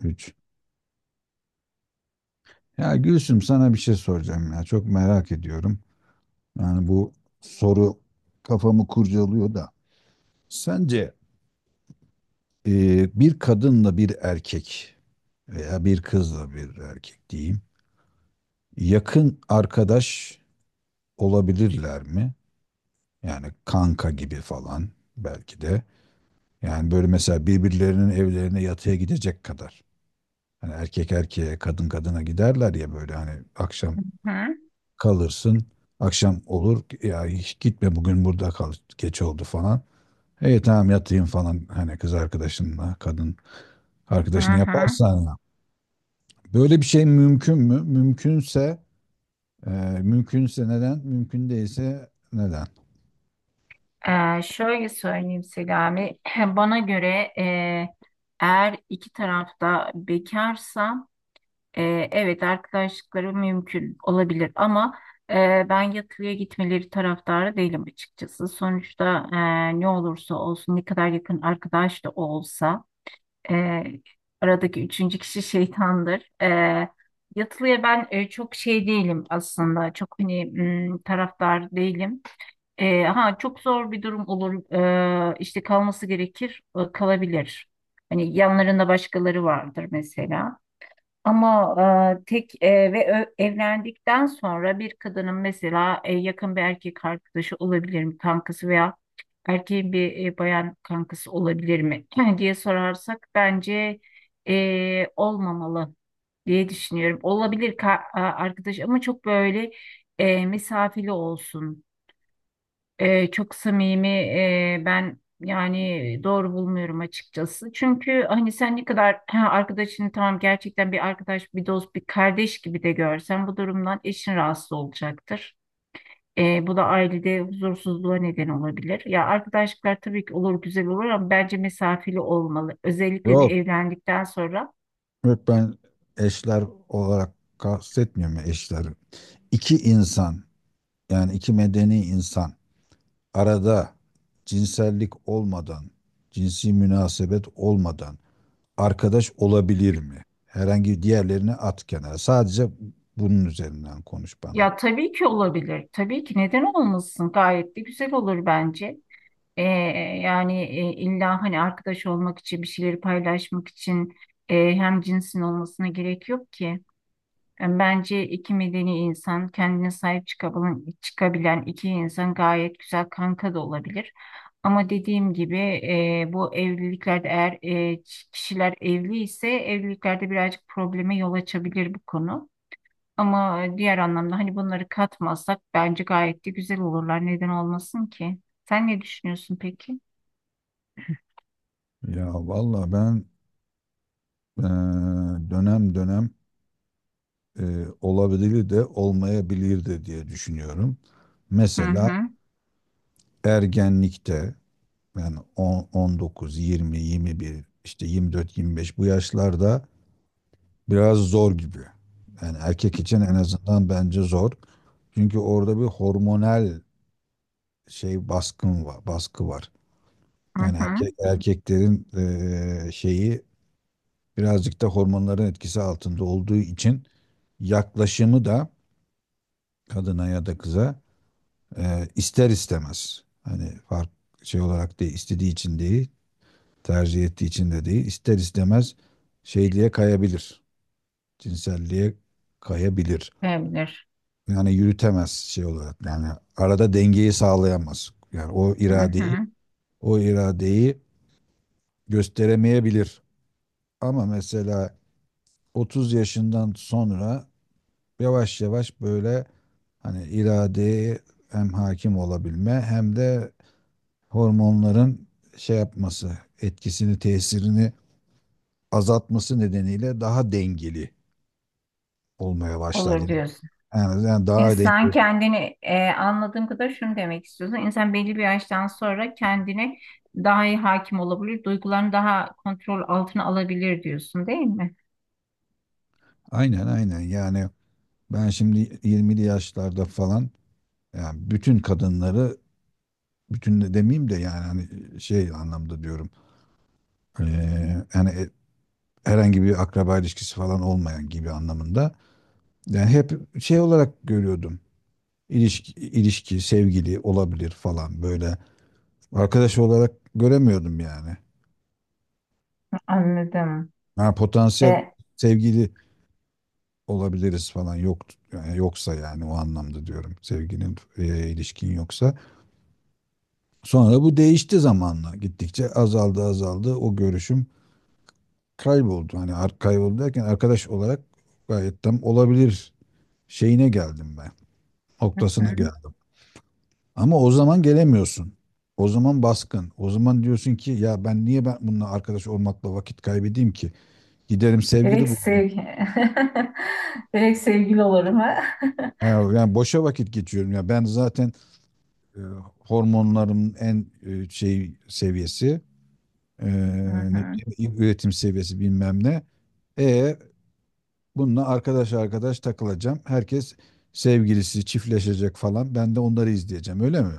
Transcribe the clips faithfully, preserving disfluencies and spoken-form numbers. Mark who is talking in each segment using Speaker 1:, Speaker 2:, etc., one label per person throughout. Speaker 1: Güç. Ya Gülsüm, sana bir şey soracağım ya. Çok merak ediyorum. Yani bu soru kafamı kurcalıyor da. Sence e, bir kadınla bir erkek, veya bir kızla bir erkek diyeyim, yakın arkadaş olabilirler mi? Yani kanka gibi falan belki de. Yani böyle mesela birbirlerinin evlerine yatıya gidecek kadar. Hani erkek erkeğe, kadın kadına giderler ya, böyle hani akşam
Speaker 2: Hı
Speaker 1: kalırsın. Akşam olur ya, hiç gitme bugün burada kal, geç oldu falan. E tamam yatayım falan, hani kız arkadaşınla kadın
Speaker 2: hı.
Speaker 1: arkadaşını
Speaker 2: Hı.
Speaker 1: yaparsan ya. Böyle bir şey mümkün mü? Mümkünse e, mümkünse neden? Mümkün değilse neden?
Speaker 2: Ee, şöyle söyleyeyim Selami. Bana göre e, eğer iki tarafta bekarsa e, evet arkadaşlıkları mümkün olabilir ama e, ben yatılıya gitmeleri taraftarı değilim açıkçası. Sonuçta e, ne olursa olsun ne kadar yakın arkadaş da olsa e, aradaki üçüncü kişi şeytandır. E, Yatılıya ben e, çok şey değilim aslında. Çok hani m, taraftar değilim. E, ha çok zor bir durum olur. E, işte kalması gerekir, e, kalabilir. Hani yanlarında başkaları vardır mesela. Ama e, tek e, ve ö- evlendikten sonra bir kadının mesela e, yakın bir erkek arkadaşı olabilir mi kankası veya erkeğin bir e, bayan kankası olabilir mi diye sorarsak bence e, olmamalı diye düşünüyorum. Olabilir ka- a- arkadaş ama çok böyle e, mesafeli olsun. Ee, çok samimi e, ben yani doğru bulmuyorum açıkçası. Çünkü hani sen ne kadar ha, arkadaşını tamam gerçekten bir arkadaş, bir dost, bir kardeş gibi de görsen bu durumdan eşin rahatsız olacaktır. Ee, bu da ailede huzursuzluğa neden olabilir. Ya arkadaşlıklar tabii ki olur güzel olur ama bence mesafeli olmalı. Özellikle de
Speaker 1: Yok.
Speaker 2: evlendikten sonra.
Speaker 1: Yok ben eşler olarak kastetmiyorum, ya eşler. İki insan, yani iki medeni insan, arada cinsellik olmadan, cinsi münasebet olmadan arkadaş olabilir mi? Herhangi diğerlerini at kenara. Sadece bunun üzerinden konuş bana.
Speaker 2: Ya tabii ki olabilir. Tabii ki neden olmasın? Gayet de güzel olur bence. E, Yani e, illa hani arkadaş olmak için bir şeyleri paylaşmak için e, hem cinsin olmasına gerek yok ki. Yani bence iki medeni insan kendine sahip çıkabilen, çıkabilen iki insan gayet güzel kanka da olabilir. Ama dediğim gibi e, bu evliliklerde eğer e, ç- kişiler evli ise evliliklerde birazcık probleme yol açabilir bu konu. Ama diğer anlamda hani bunları katmazsak bence gayet de güzel olurlar. Neden olmasın ki? Sen ne düşünüyorsun peki?
Speaker 1: Ya valla ben eee, dönem dönem eee, olabilir de olmayabilir de diye düşünüyorum.
Speaker 2: Hı
Speaker 1: Mesela
Speaker 2: hı.
Speaker 1: ergenlikte, yani on, on dokuz, yirmi, yirmi bir, işte yirmi dört, yirmi beş, bu yaşlarda biraz zor gibi. Yani erkek için en
Speaker 2: Hı
Speaker 1: azından bence zor. Çünkü orada bir hormonal şey baskın var, baskı var.
Speaker 2: hı.
Speaker 1: Yani
Speaker 2: Hı.
Speaker 1: erkek erkeklerin eee, şeyi birazcık da hormonların etkisi altında olduğu için yaklaşımı da kadına ya da kıza eee, ister istemez. Hani fark şey olarak değil, istediği için değil, tercih ettiği için de değil, ister istemez şeyliğe kayabilir. Cinselliğe kayabilir.
Speaker 2: Olabilir.
Speaker 1: Yani yürütemez şey olarak. Yani arada dengeyi sağlayamaz. Yani o
Speaker 2: Hı
Speaker 1: iradeyi,
Speaker 2: hı.
Speaker 1: o iradeyi gösteremeyebilir. Ama mesela otuz yaşından sonra yavaş yavaş böyle hani iradeye hem hakim olabilme hem de hormonların şey yapması, etkisini, tesirini azaltması nedeniyle daha dengeli olmaya başlar
Speaker 2: Olur
Speaker 1: yani.
Speaker 2: diyorsun.
Speaker 1: Yani, yani daha
Speaker 2: İnsan
Speaker 1: dengeli.
Speaker 2: kendini e, anladığım kadar şunu demek istiyorsun. İnsan belli bir yaştan sonra kendine daha iyi hakim olabilir, duygularını daha kontrol altına alabilir diyorsun, değil mi?
Speaker 1: Aynen aynen yani ben şimdi yirmili yaşlarda falan. Yani bütün kadınları, bütün de demeyeyim de yani hani e, şey anlamda diyorum. Eee, yani e- herhangi bir akraba ilişkisi falan olmayan gibi anlamında. Yani hep şey olarak görüyordum. İlişki, ilişki, sevgili olabilir falan böyle. Arkadaş olarak göremiyordum yani.
Speaker 2: Anladım.
Speaker 1: Ha, potansiyel
Speaker 2: E,
Speaker 1: sevgili olabiliriz falan, yok yani, yoksa yani o anlamda diyorum. Sevginin eee, ilişkin yoksa. Sonra bu değişti zamanla. Gittikçe azaldı azaldı o görüşüm kayboldu. Hani ar- kayboldu derken, arkadaş olarak gayet tam olabilir şeyine geldim ben.
Speaker 2: Hı.
Speaker 1: Noktasına geldim. Ama o zaman gelemiyorsun. O zaman baskın. O zaman diyorsun ki ya, ben niye ben bununla arkadaş olmakla vakit kaybedeyim ki? Giderim sevgili
Speaker 2: direkt
Speaker 1: bu.
Speaker 2: sevgi direkt sevgili olurum ha.
Speaker 1: Yani boşa vakit geçiyorum ya. Ben zaten e, hormonlarımın en e, şey seviyesi, e,
Speaker 2: Hı
Speaker 1: ne,
Speaker 2: hı.
Speaker 1: diyeyim, üretim seviyesi bilmem ne. E, bununla arkadaş arkadaş takılacağım. Herkes sevgilisi çiftleşecek falan. Ben de onları izleyeceğim, öyle mi?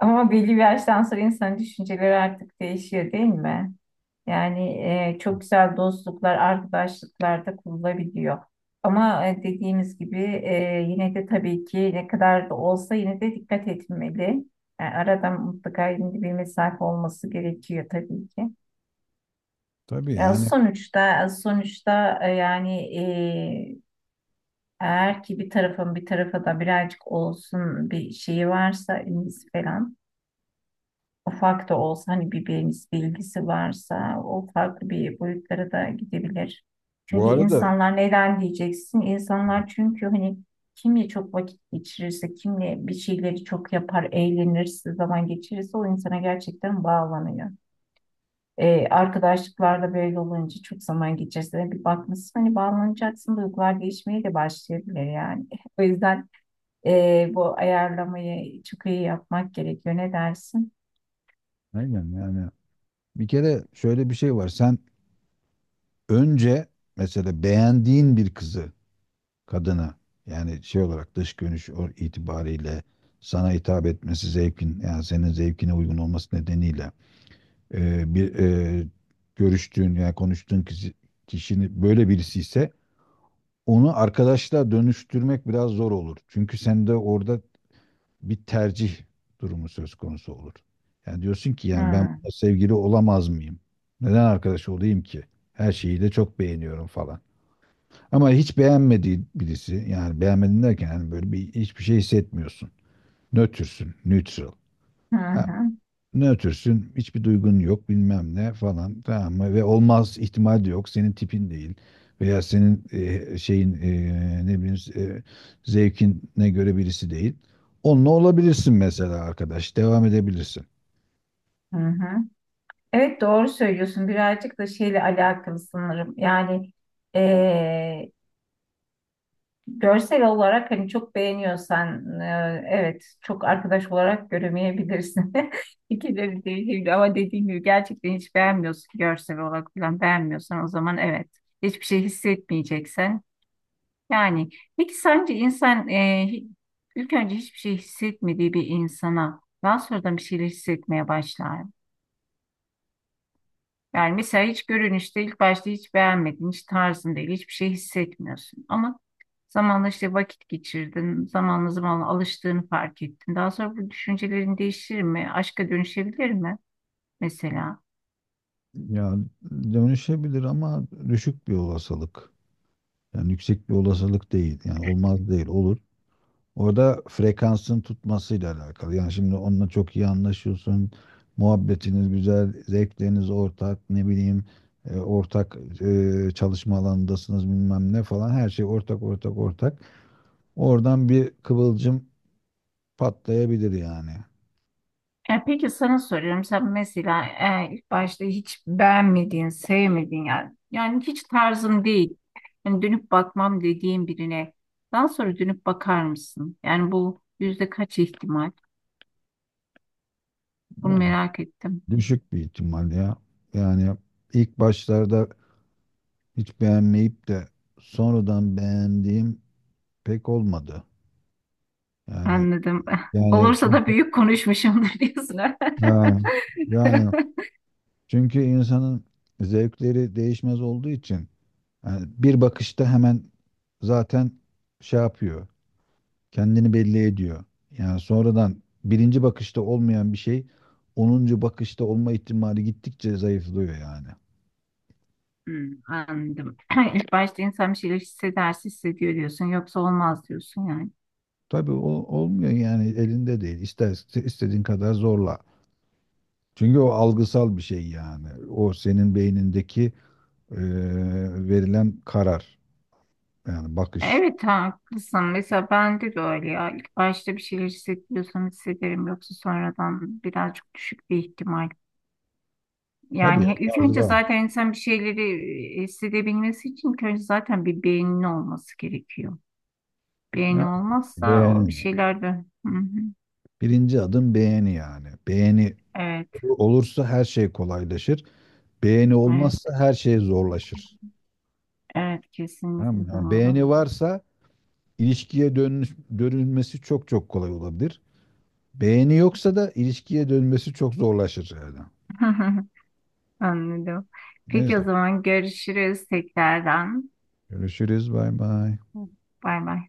Speaker 2: Ama belli bir yaştan sonra insanın düşünceleri artık değişiyor değil mi? Yani e, çok güzel dostluklar, arkadaşlıklar da kurulabiliyor. Ama e, dediğimiz gibi e, yine de tabii ki ne kadar da olsa yine de dikkat etmeli. Yani arada mutlaka yine de bir mesafe olması gerekiyor tabii ki.
Speaker 1: Tabii
Speaker 2: Ya
Speaker 1: yani,
Speaker 2: sonuçta sonuçta e, yani e, eğer ki bir tarafın bir tarafa da birazcık olsun bir şeyi varsa ilgisi falan. Ufak da olsa hani bir bilgisi, varsa o farklı bir boyutlara da gidebilir.
Speaker 1: bu
Speaker 2: Çünkü
Speaker 1: arada,
Speaker 2: insanlar neden diyeceksin? İnsanlar çünkü hani kimle çok vakit geçirirse, kimle bir şeyleri çok yapar, eğlenirse, zaman geçirirse o insana gerçekten bağlanıyor. Ee, arkadaşlıklarda böyle olunca çok zaman geçirse bir bakmışsın hani bağlanacaksın duygular değişmeye de başlayabilir yani. O yüzden ee, bu ayarlamayı çok iyi yapmak gerekiyor. Ne dersin?
Speaker 1: aynen yani. Bir kere şöyle bir şey var. Sen önce mesela beğendiğin bir kızı, kadını, yani şey olarak dış görünüş o- itibariyle sana hitap etmesi, zevkin yani senin zevkine uygun olması nedeniyle, e, bir e, görüştüğün yani konuştuğun kişi, kişinin böyle birisi ise, onu arkadaşla dönüştürmek biraz zor olur. Çünkü sende orada bir tercih durumu söz konusu olur. Yani diyorsun ki yani, ben
Speaker 2: Hı
Speaker 1: bununla sevgili olamaz mıyım? Neden arkadaş olayım ki? Her şeyi de çok beğeniyorum falan. Ama hiç beğenmediği birisi, yani beğenmedin derken yani böyle bir hiçbir şey hissetmiyorsun. Nötrsün, neutral.
Speaker 2: hı.
Speaker 1: Ha,
Speaker 2: Hı.
Speaker 1: ne ötürsün? Hiçbir duygun yok bilmem ne falan, tamam mı? Ve olmaz, ihtimal de yok. Senin tipin değil. Veya senin e, şeyin, e, ne bileyim e, zevkine göre birisi değil. Onunla olabilirsin mesela arkadaş. Devam edebilirsin.
Speaker 2: Hı hı. Evet, doğru söylüyorsun. Birazcık da şeyle alakalı sanırım. Yani eee, görsel olarak hani çok beğeniyorsan, eee, evet, çok arkadaş olarak göremeyebilirsin. Fikirleri değişebilir ama dediğim gibi gerçekten hiç beğenmiyorsun, görsel olarak falan beğenmiyorsan o zaman evet, hiçbir şey hissetmeyeceksen. Yani peki sence insan eee, hi- ilk önce hiçbir şey hissetmediği bir insana daha sonradan bir şeyler hissetmeye başlar. Yani mesela hiç görünüşte ilk başta hiç beğenmedin, hiç tarzın değil, hiçbir şey hissetmiyorsun. Ama zamanla işte vakit geçirdin, zamanla zamanla alıştığını fark ettin. Daha sonra bu düşüncelerin değişir mi? Aşka dönüşebilir mi mesela?
Speaker 1: Ya, dönüşebilir ama düşük bir olasılık. Yani yüksek bir olasılık değil. Yani olmaz değil, olur. Orada frekansın tutmasıyla alakalı. Yani şimdi onunla çok iyi anlaşıyorsun. Muhabbetiniz güzel, zevkleriniz ortak, ne bileyim, e, ortak e, çalışma alanındasınız bilmem ne falan. Her şey ortak ortak ortak. Oradan bir kıvılcım patlayabilir yani.
Speaker 2: E peki, sana soruyorum. Sen mesela e, ilk başta hiç beğenmediğin, sevmediğin, yani, yani hiç tarzın değil. Yani dönüp bakmam dediğin birine daha sonra dönüp bakar mısın? Yani bu yüzde kaç ihtimal? Bunu
Speaker 1: Ya,
Speaker 2: merak ettim.
Speaker 1: düşük bir ihtimal ya. Yani ilk başlarda hiç beğenmeyip de sonradan beğendiğim pek olmadı. Yani
Speaker 2: Anladım.
Speaker 1: yani
Speaker 2: Olursa da
Speaker 1: çünkü
Speaker 2: büyük konuşmuşumdur diyorsun, ha?
Speaker 1: ha, yani çünkü insanın zevkleri değişmez olduğu için, yani bir bakışta hemen zaten şey yapıyor, kendini belli ediyor. Yani sonradan birinci bakışta olmayan bir şey onuncu bakışta olma ihtimali gittikçe zayıflıyor yani.
Speaker 2: Hmm, anladım. İlk başta insan bir şeyler hissederse hissediyor diyorsun. Yoksa olmaz diyorsun yani.
Speaker 1: Tabii o olmuyor yani, elinde değil. İster istediğin kadar zorla. Çünkü o algısal bir şey yani. O senin beynindeki eee, verilen karar, yani bakış.
Speaker 2: Evet, haklısın. Mesela bende de öyle ya. İlk başta bir şeyler hissediyorsam hissederim. Yoksa sonradan birazcık düşük bir ihtimal.
Speaker 1: Tabii ya,
Speaker 2: Yani ilk önce
Speaker 1: bazıları
Speaker 2: zaten insan bir şeyleri e, hissedebilmesi için ilk önce zaten bir beyninin olması gerekiyor. Beyni
Speaker 1: yani
Speaker 2: olmazsa o bir
Speaker 1: beğeni.
Speaker 2: şeyler de... Hı hı.
Speaker 1: Birinci adım beğeni yani. Beğeni
Speaker 2: Evet,
Speaker 1: olursa her şey kolaylaşır. Beğeni olmazsa
Speaker 2: evet.
Speaker 1: her şey zorlaşır.
Speaker 2: Evet,
Speaker 1: Tamam mı?
Speaker 2: kesinlikle
Speaker 1: Yani
Speaker 2: doğru.
Speaker 1: beğeni varsa, ilişkiye dönüş, dönülmesi çok çok kolay olabilir. Beğeni yoksa da ilişkiye dönmesi çok zorlaşır yani.
Speaker 2: Anladım. Peki,
Speaker 1: Neyse.
Speaker 2: o zaman görüşürüz tekrardan.
Speaker 1: Görüşürüz. Bay bay.
Speaker 2: Bay bay.